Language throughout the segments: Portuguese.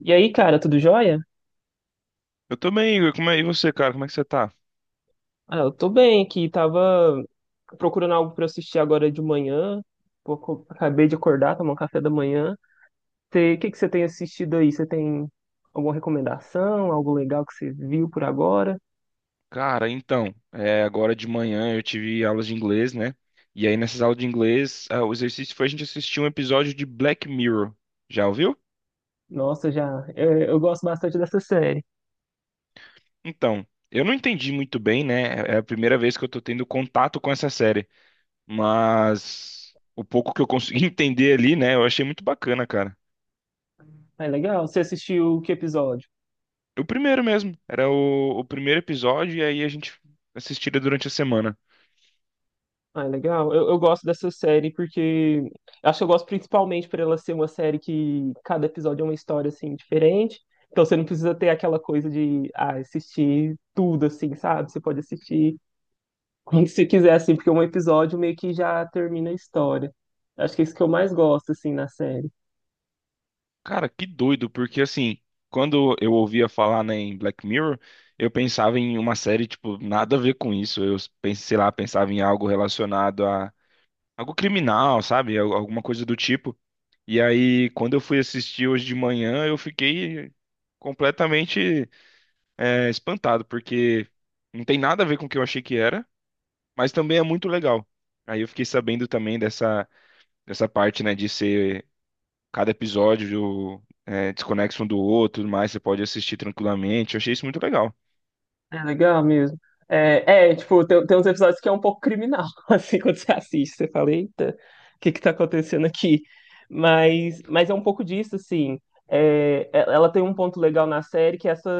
E aí, cara, tudo jóia? Eu também, Igor. Como é? E você, cara? Como é que você tá? Ah, eu tô bem aqui, tava procurando algo pra assistir agora de manhã. Pô, acabei de acordar, tomar um café da manhã. O que que você tem assistido aí? Você tem alguma recomendação, algo legal que você viu por agora? Cara, então, agora de manhã eu tive aulas de inglês, né? E aí nessas aulas de inglês, o exercício foi a gente assistir um episódio de Black Mirror. Já ouviu? Nossa, já, é, eu gosto bastante dessa série. Então, eu não entendi muito bem, né? É a primeira vez que eu tô tendo contato com essa série, mas o pouco que eu consegui entender ali, né? Eu achei muito bacana, cara. É legal? Você assistiu que episódio? O primeiro mesmo, era o primeiro episódio e aí a gente assistia durante a semana. Ah, é legal. Eu gosto dessa série porque acho que eu gosto principalmente por ela ser uma série que cada episódio é uma história assim diferente. Então você não precisa ter aquela coisa de ah, assistir tudo assim, sabe? Você pode assistir quando você quiser assim, porque um episódio meio que já termina a história. Acho que é isso que eu mais gosto assim na série. Cara, que doido, porque assim, quando eu ouvia falar, né, em Black Mirror, eu pensava em uma série, tipo, nada a ver com isso. Eu pensei, sei lá, pensava em algo relacionado a algo criminal, sabe? Alguma coisa do tipo. E aí, quando eu fui assistir hoje de manhã, eu fiquei completamente, é, espantado, porque não tem nada a ver com o que eu achei que era, mas também é muito legal. Aí eu fiquei sabendo também dessa parte, né, de ser cada episódio é desconexo um do outro, tudo mais você pode assistir tranquilamente. Eu achei isso muito legal. É legal mesmo. É, é, tipo, tem uns episódios que é um pouco criminal, assim, quando você assiste, você fala, eita, o que que tá acontecendo aqui? Mas é um pouco disso, assim. É, ela tem um ponto legal na série que é essa,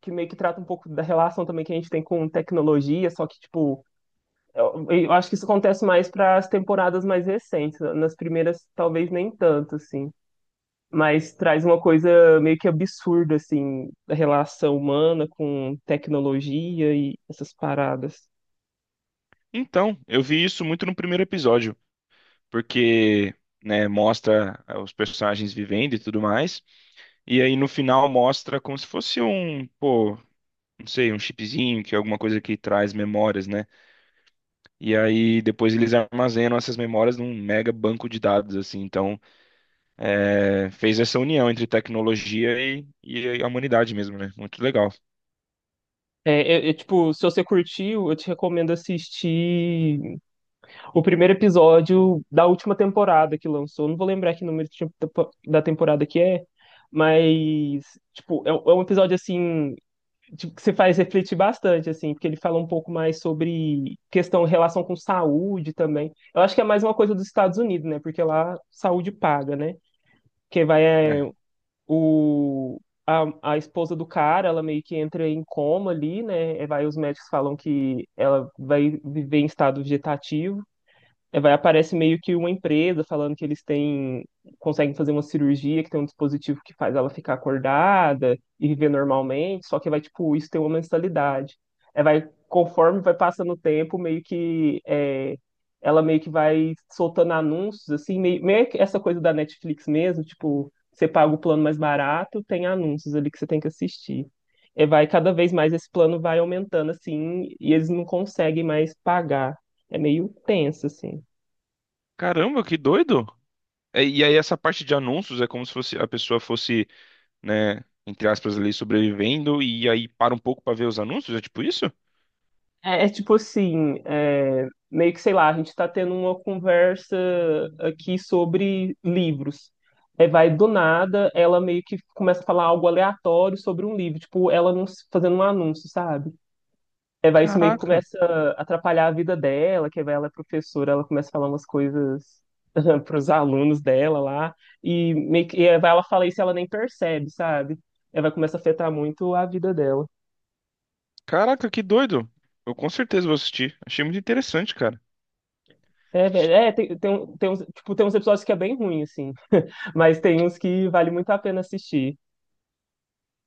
que meio que trata um pouco da relação também que a gente tem com tecnologia, só que, tipo, eu acho que isso acontece mais para as temporadas mais recentes, nas primeiras talvez nem tanto, assim, mas traz uma coisa meio que absurda, assim, da relação humana com tecnologia e essas paradas. Então, eu vi isso muito no primeiro episódio, porque, né, mostra, os personagens vivendo e tudo mais, e aí no final mostra como se fosse um, pô, não sei, um chipzinho, que é alguma coisa que traz memórias, né? E aí depois eles armazenam essas memórias num mega banco de dados, assim. Então, fez essa união entre tecnologia e a humanidade mesmo, né? Muito legal. É, é, tipo, se você curtiu, eu te recomendo assistir o primeiro episódio da última temporada que lançou. Não vou lembrar que número de da temporada que é, mas, tipo, é, é um episódio, assim, tipo, que se faz refletir bastante, assim, porque ele fala um pouco mais sobre questão, relação com saúde também. Eu acho que é mais uma coisa dos Estados Unidos, né? Porque lá saúde paga, né? Que vai é, É. o a esposa do cara, ela meio que entra em coma ali, né? É, vai, os médicos falam que ela vai viver em estado vegetativo. É, vai, aparece meio que uma empresa falando que eles têm, conseguem fazer uma cirurgia, que tem um dispositivo que faz ela ficar acordada e viver normalmente, só que vai, tipo, isso tem uma mensalidade. É, vai, conforme vai passando o tempo, meio que é, ela meio que vai soltando anúncios, assim, meio que essa coisa da Netflix mesmo, tipo, você paga o plano mais barato, tem anúncios ali que você tem que assistir. É, vai, cada vez mais esse plano vai aumentando, assim, e eles não conseguem mais pagar. É meio tenso, assim. Caramba, que doido! É. E aí essa parte de anúncios é como se fosse a pessoa fosse, né, entre aspas ali sobrevivendo e aí para um pouco para ver os anúncios, é tipo isso? É, é tipo assim, é, meio que sei lá, a gente tá tendo uma conversa aqui sobre livros. Aí vai do nada, ela meio que começa a falar algo aleatório sobre um livro, tipo, ela não, fazendo um anúncio, sabe? Aí vai isso meio que Caraca. começa a atrapalhar a vida dela, que aí vai ela é professora, ela começa a falar umas coisas para os alunos dela lá, e meio que e aí vai ela fala isso e ela nem percebe, sabe? Aí vai começar a afetar muito a vida dela. Caraca, que doido. Eu com certeza vou assistir. Achei muito interessante, cara. É, velho, é, tem, tem, tem, uns, tipo, tem uns episódios que é bem ruim, assim, mas tem uns que vale muito a pena assistir.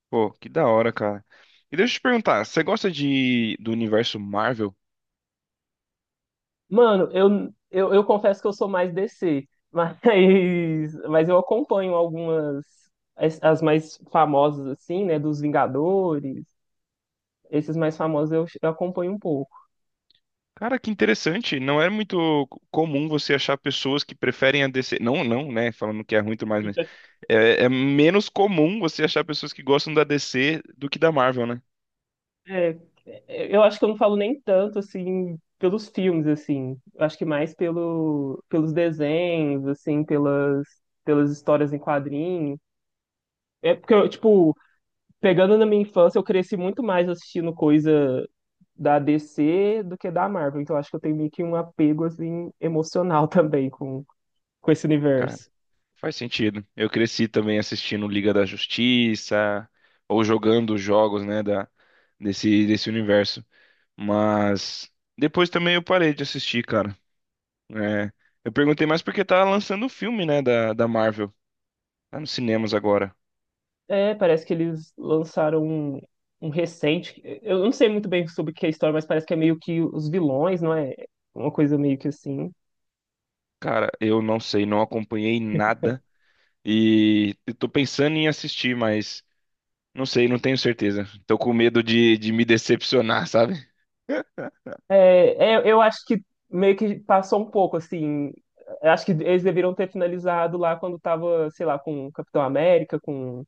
Pô, que da hora, cara. E deixa eu te perguntar, você gosta de do universo Marvel? Mano, eu confesso que eu sou mais DC, mas, mas eu acompanho algumas, as mais famosas, assim, né, dos Vingadores, esses mais famosos eu acompanho um pouco. Cara, que interessante. Não é muito comum você achar pessoas que preferem a DC. Não, não, né? Falando que é ruim e tudo mais, mas é, é menos comum você achar pessoas que gostam da DC do que da Marvel, né? É, é, eu acho que eu não falo nem tanto, assim, pelos filmes, assim, eu acho que mais pelo, pelos desenhos, assim, pelas, pelas histórias em quadrinhos. É porque, tipo, pegando na minha infância, eu cresci muito mais assistindo coisa da DC do que da Marvel. Então acho que eu tenho meio que um apego assim emocional também com esse universo. Faz sentido. Eu cresci também assistindo Liga da Justiça ou jogando os jogos, né, da desse desse universo. Mas depois também eu parei de assistir, cara. É, eu perguntei mais porque tá lançando o filme, né, da Marvel. Tá nos cinemas agora. É, parece que eles lançaram um recente. Eu não sei muito bem sobre o que é a história, mas parece que é meio que os vilões, não é? Uma coisa meio que assim. Cara, eu não sei, não acompanhei nada e eu tô pensando em assistir, mas não sei, não tenho certeza. Tô com medo de me decepcionar, sabe? É, é, eu acho que meio que passou um pouco assim. Eu acho que eles deveriam ter finalizado lá quando tava, sei lá, com o Capitão América, com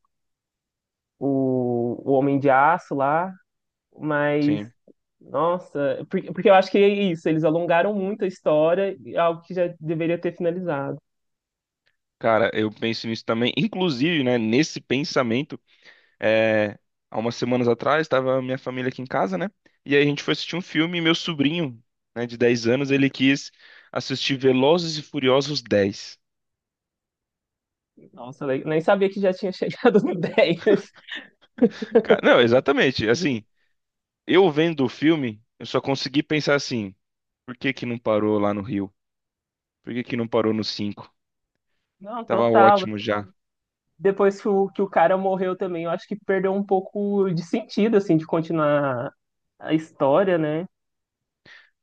o Homem de Aço lá. Mas, Sim. nossa, porque, porque eu acho que é isso, eles alongaram muito a história, algo que já deveria ter finalizado. Cara, eu penso nisso também. Inclusive, né, nesse pensamento. É, Há umas semanas atrás, estava minha família aqui em casa, né? E aí a gente foi assistir um filme e meu sobrinho, né, de 10 anos, ele quis assistir Velozes e Furiosos 10. Nossa, nem sabia que já tinha chegado no dez. Cara, não, exatamente. Assim, eu vendo o filme, eu só consegui pensar assim, por que que não parou lá no Rio? Por que que não parou no 5? Não, Tava total. ótimo já. Depois que que o cara morreu também, eu acho que perdeu um pouco de sentido, assim, de continuar a história, né?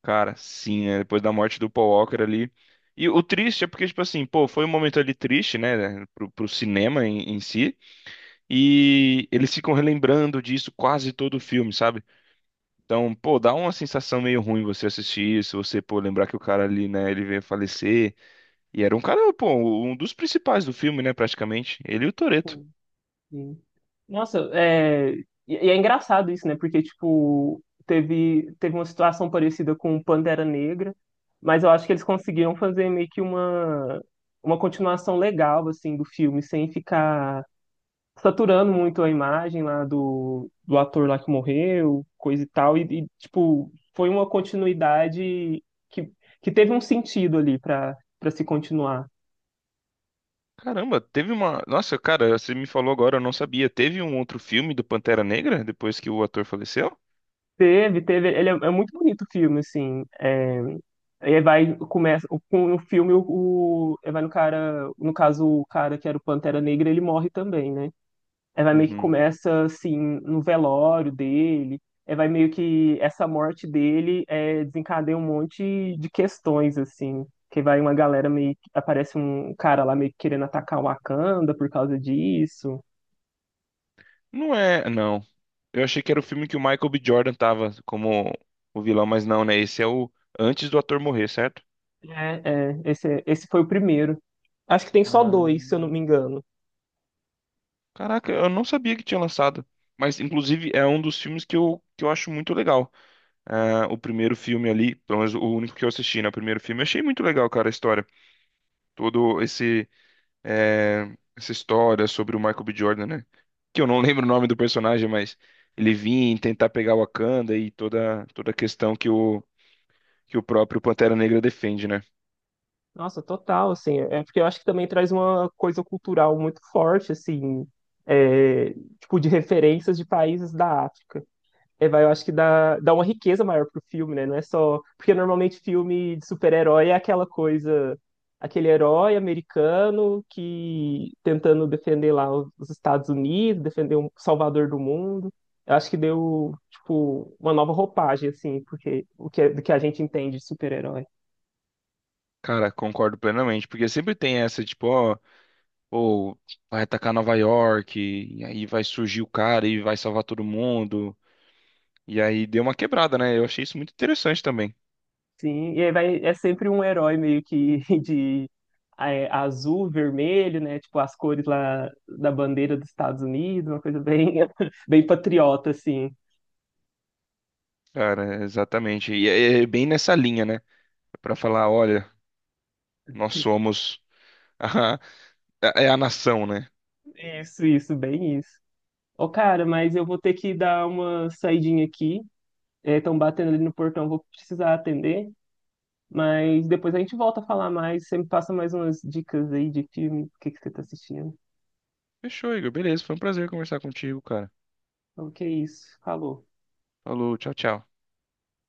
Cara, sim, né? Depois da morte do Paul Walker ali. E o triste é porque, tipo assim, pô, foi um momento ali triste, né? Pro, pro cinema em si. E eles ficam relembrando disso quase todo o filme, sabe? Então, pô, dá uma sensação meio ruim você assistir isso, você, pô, lembrar que o cara ali, né, ele veio a falecer. E era um cara, pô, um dos principais do filme, né, praticamente. Ele e o Toreto. Sim. Nossa, é... E é engraçado isso, né? Porque, tipo, teve uma situação parecida com o Pantera Negra, mas eu acho que eles conseguiram fazer meio que uma continuação legal, assim, do filme, sem ficar saturando muito a imagem lá do, do ator lá que morreu, coisa e tal. E, tipo, foi uma continuidade que, que teve um sentido ali para para se continuar. Caramba, teve uma. Nossa, cara, você me falou agora, eu não sabia. Teve um outro filme do Pantera Negra depois que o ator faleceu? Teve, teve. Ele é, é muito bonito o filme, assim. É, ele vai, começa, no filme, ele vai no cara, no caso, o cara que era o Pantera Negra, ele morre também, né? Ele vai meio que Uhum. começa, assim, no velório dele, ele vai meio que, essa morte dele é, desencadeia um monte de questões, assim, que vai uma galera meio, aparece um cara lá meio que querendo atacar o Wakanda por causa disso. Não é, não. Eu achei que era o filme que o Michael B. Jordan tava como o vilão, mas não, né? Esse é o antes do ator morrer, certo? É, é, esse, esse foi o primeiro. Acho que tem só dois, se eu não Ah. me engano. Caraca, eu não sabia que tinha lançado. Mas, inclusive, é um dos filmes que eu acho muito legal. Ah, o primeiro filme ali, pelo menos o único que eu assisti, né? O primeiro filme, eu achei muito legal, cara, a história. Todo esse, Essa história sobre o Michael B. Jordan, né? Que eu não lembro o nome do personagem, mas ele vinha em tentar pegar o Wakanda e toda a questão que o próprio Pantera Negra defende, né? Nossa, total, assim, é porque eu acho que também traz uma coisa cultural muito forte, assim, é, tipo, de referências de países da África. É, vai, eu acho que dá, dá uma riqueza maior pro filme, né? Não é só. Porque normalmente filme de super-herói é aquela coisa, aquele herói americano que tentando defender lá os Estados Unidos, defender um salvador do mundo. Eu acho que deu, tipo, uma nova roupagem, assim, porque o que, é, do que a gente entende de super-herói. Cara, concordo plenamente, porque sempre tem essa, tipo, ó. Ou vai atacar Nova York, e aí vai surgir o cara e vai salvar todo mundo. E aí deu uma quebrada, né? Eu achei isso muito interessante também. Sim, e aí vai, é sempre um herói meio que de é, azul, vermelho, né? Tipo as cores lá da bandeira dos Estados Unidos, uma coisa bem, bem patriota, assim. Cara, exatamente. E é é bem nessa linha, né? Pra falar, olha, nós somos é a nação, né? Isso, bem isso. Ô, cara, mas eu vou ter que dar uma saidinha aqui. Estão batendo ali no portão, vou precisar atender. Mas depois a gente volta a falar mais. Você me passa mais umas dicas aí de filme, o que que você tá assistindo. Fechou, Igor. Beleza, foi um prazer conversar contigo, cara. Então, que é isso. Falou. Falou, tchau, tchau.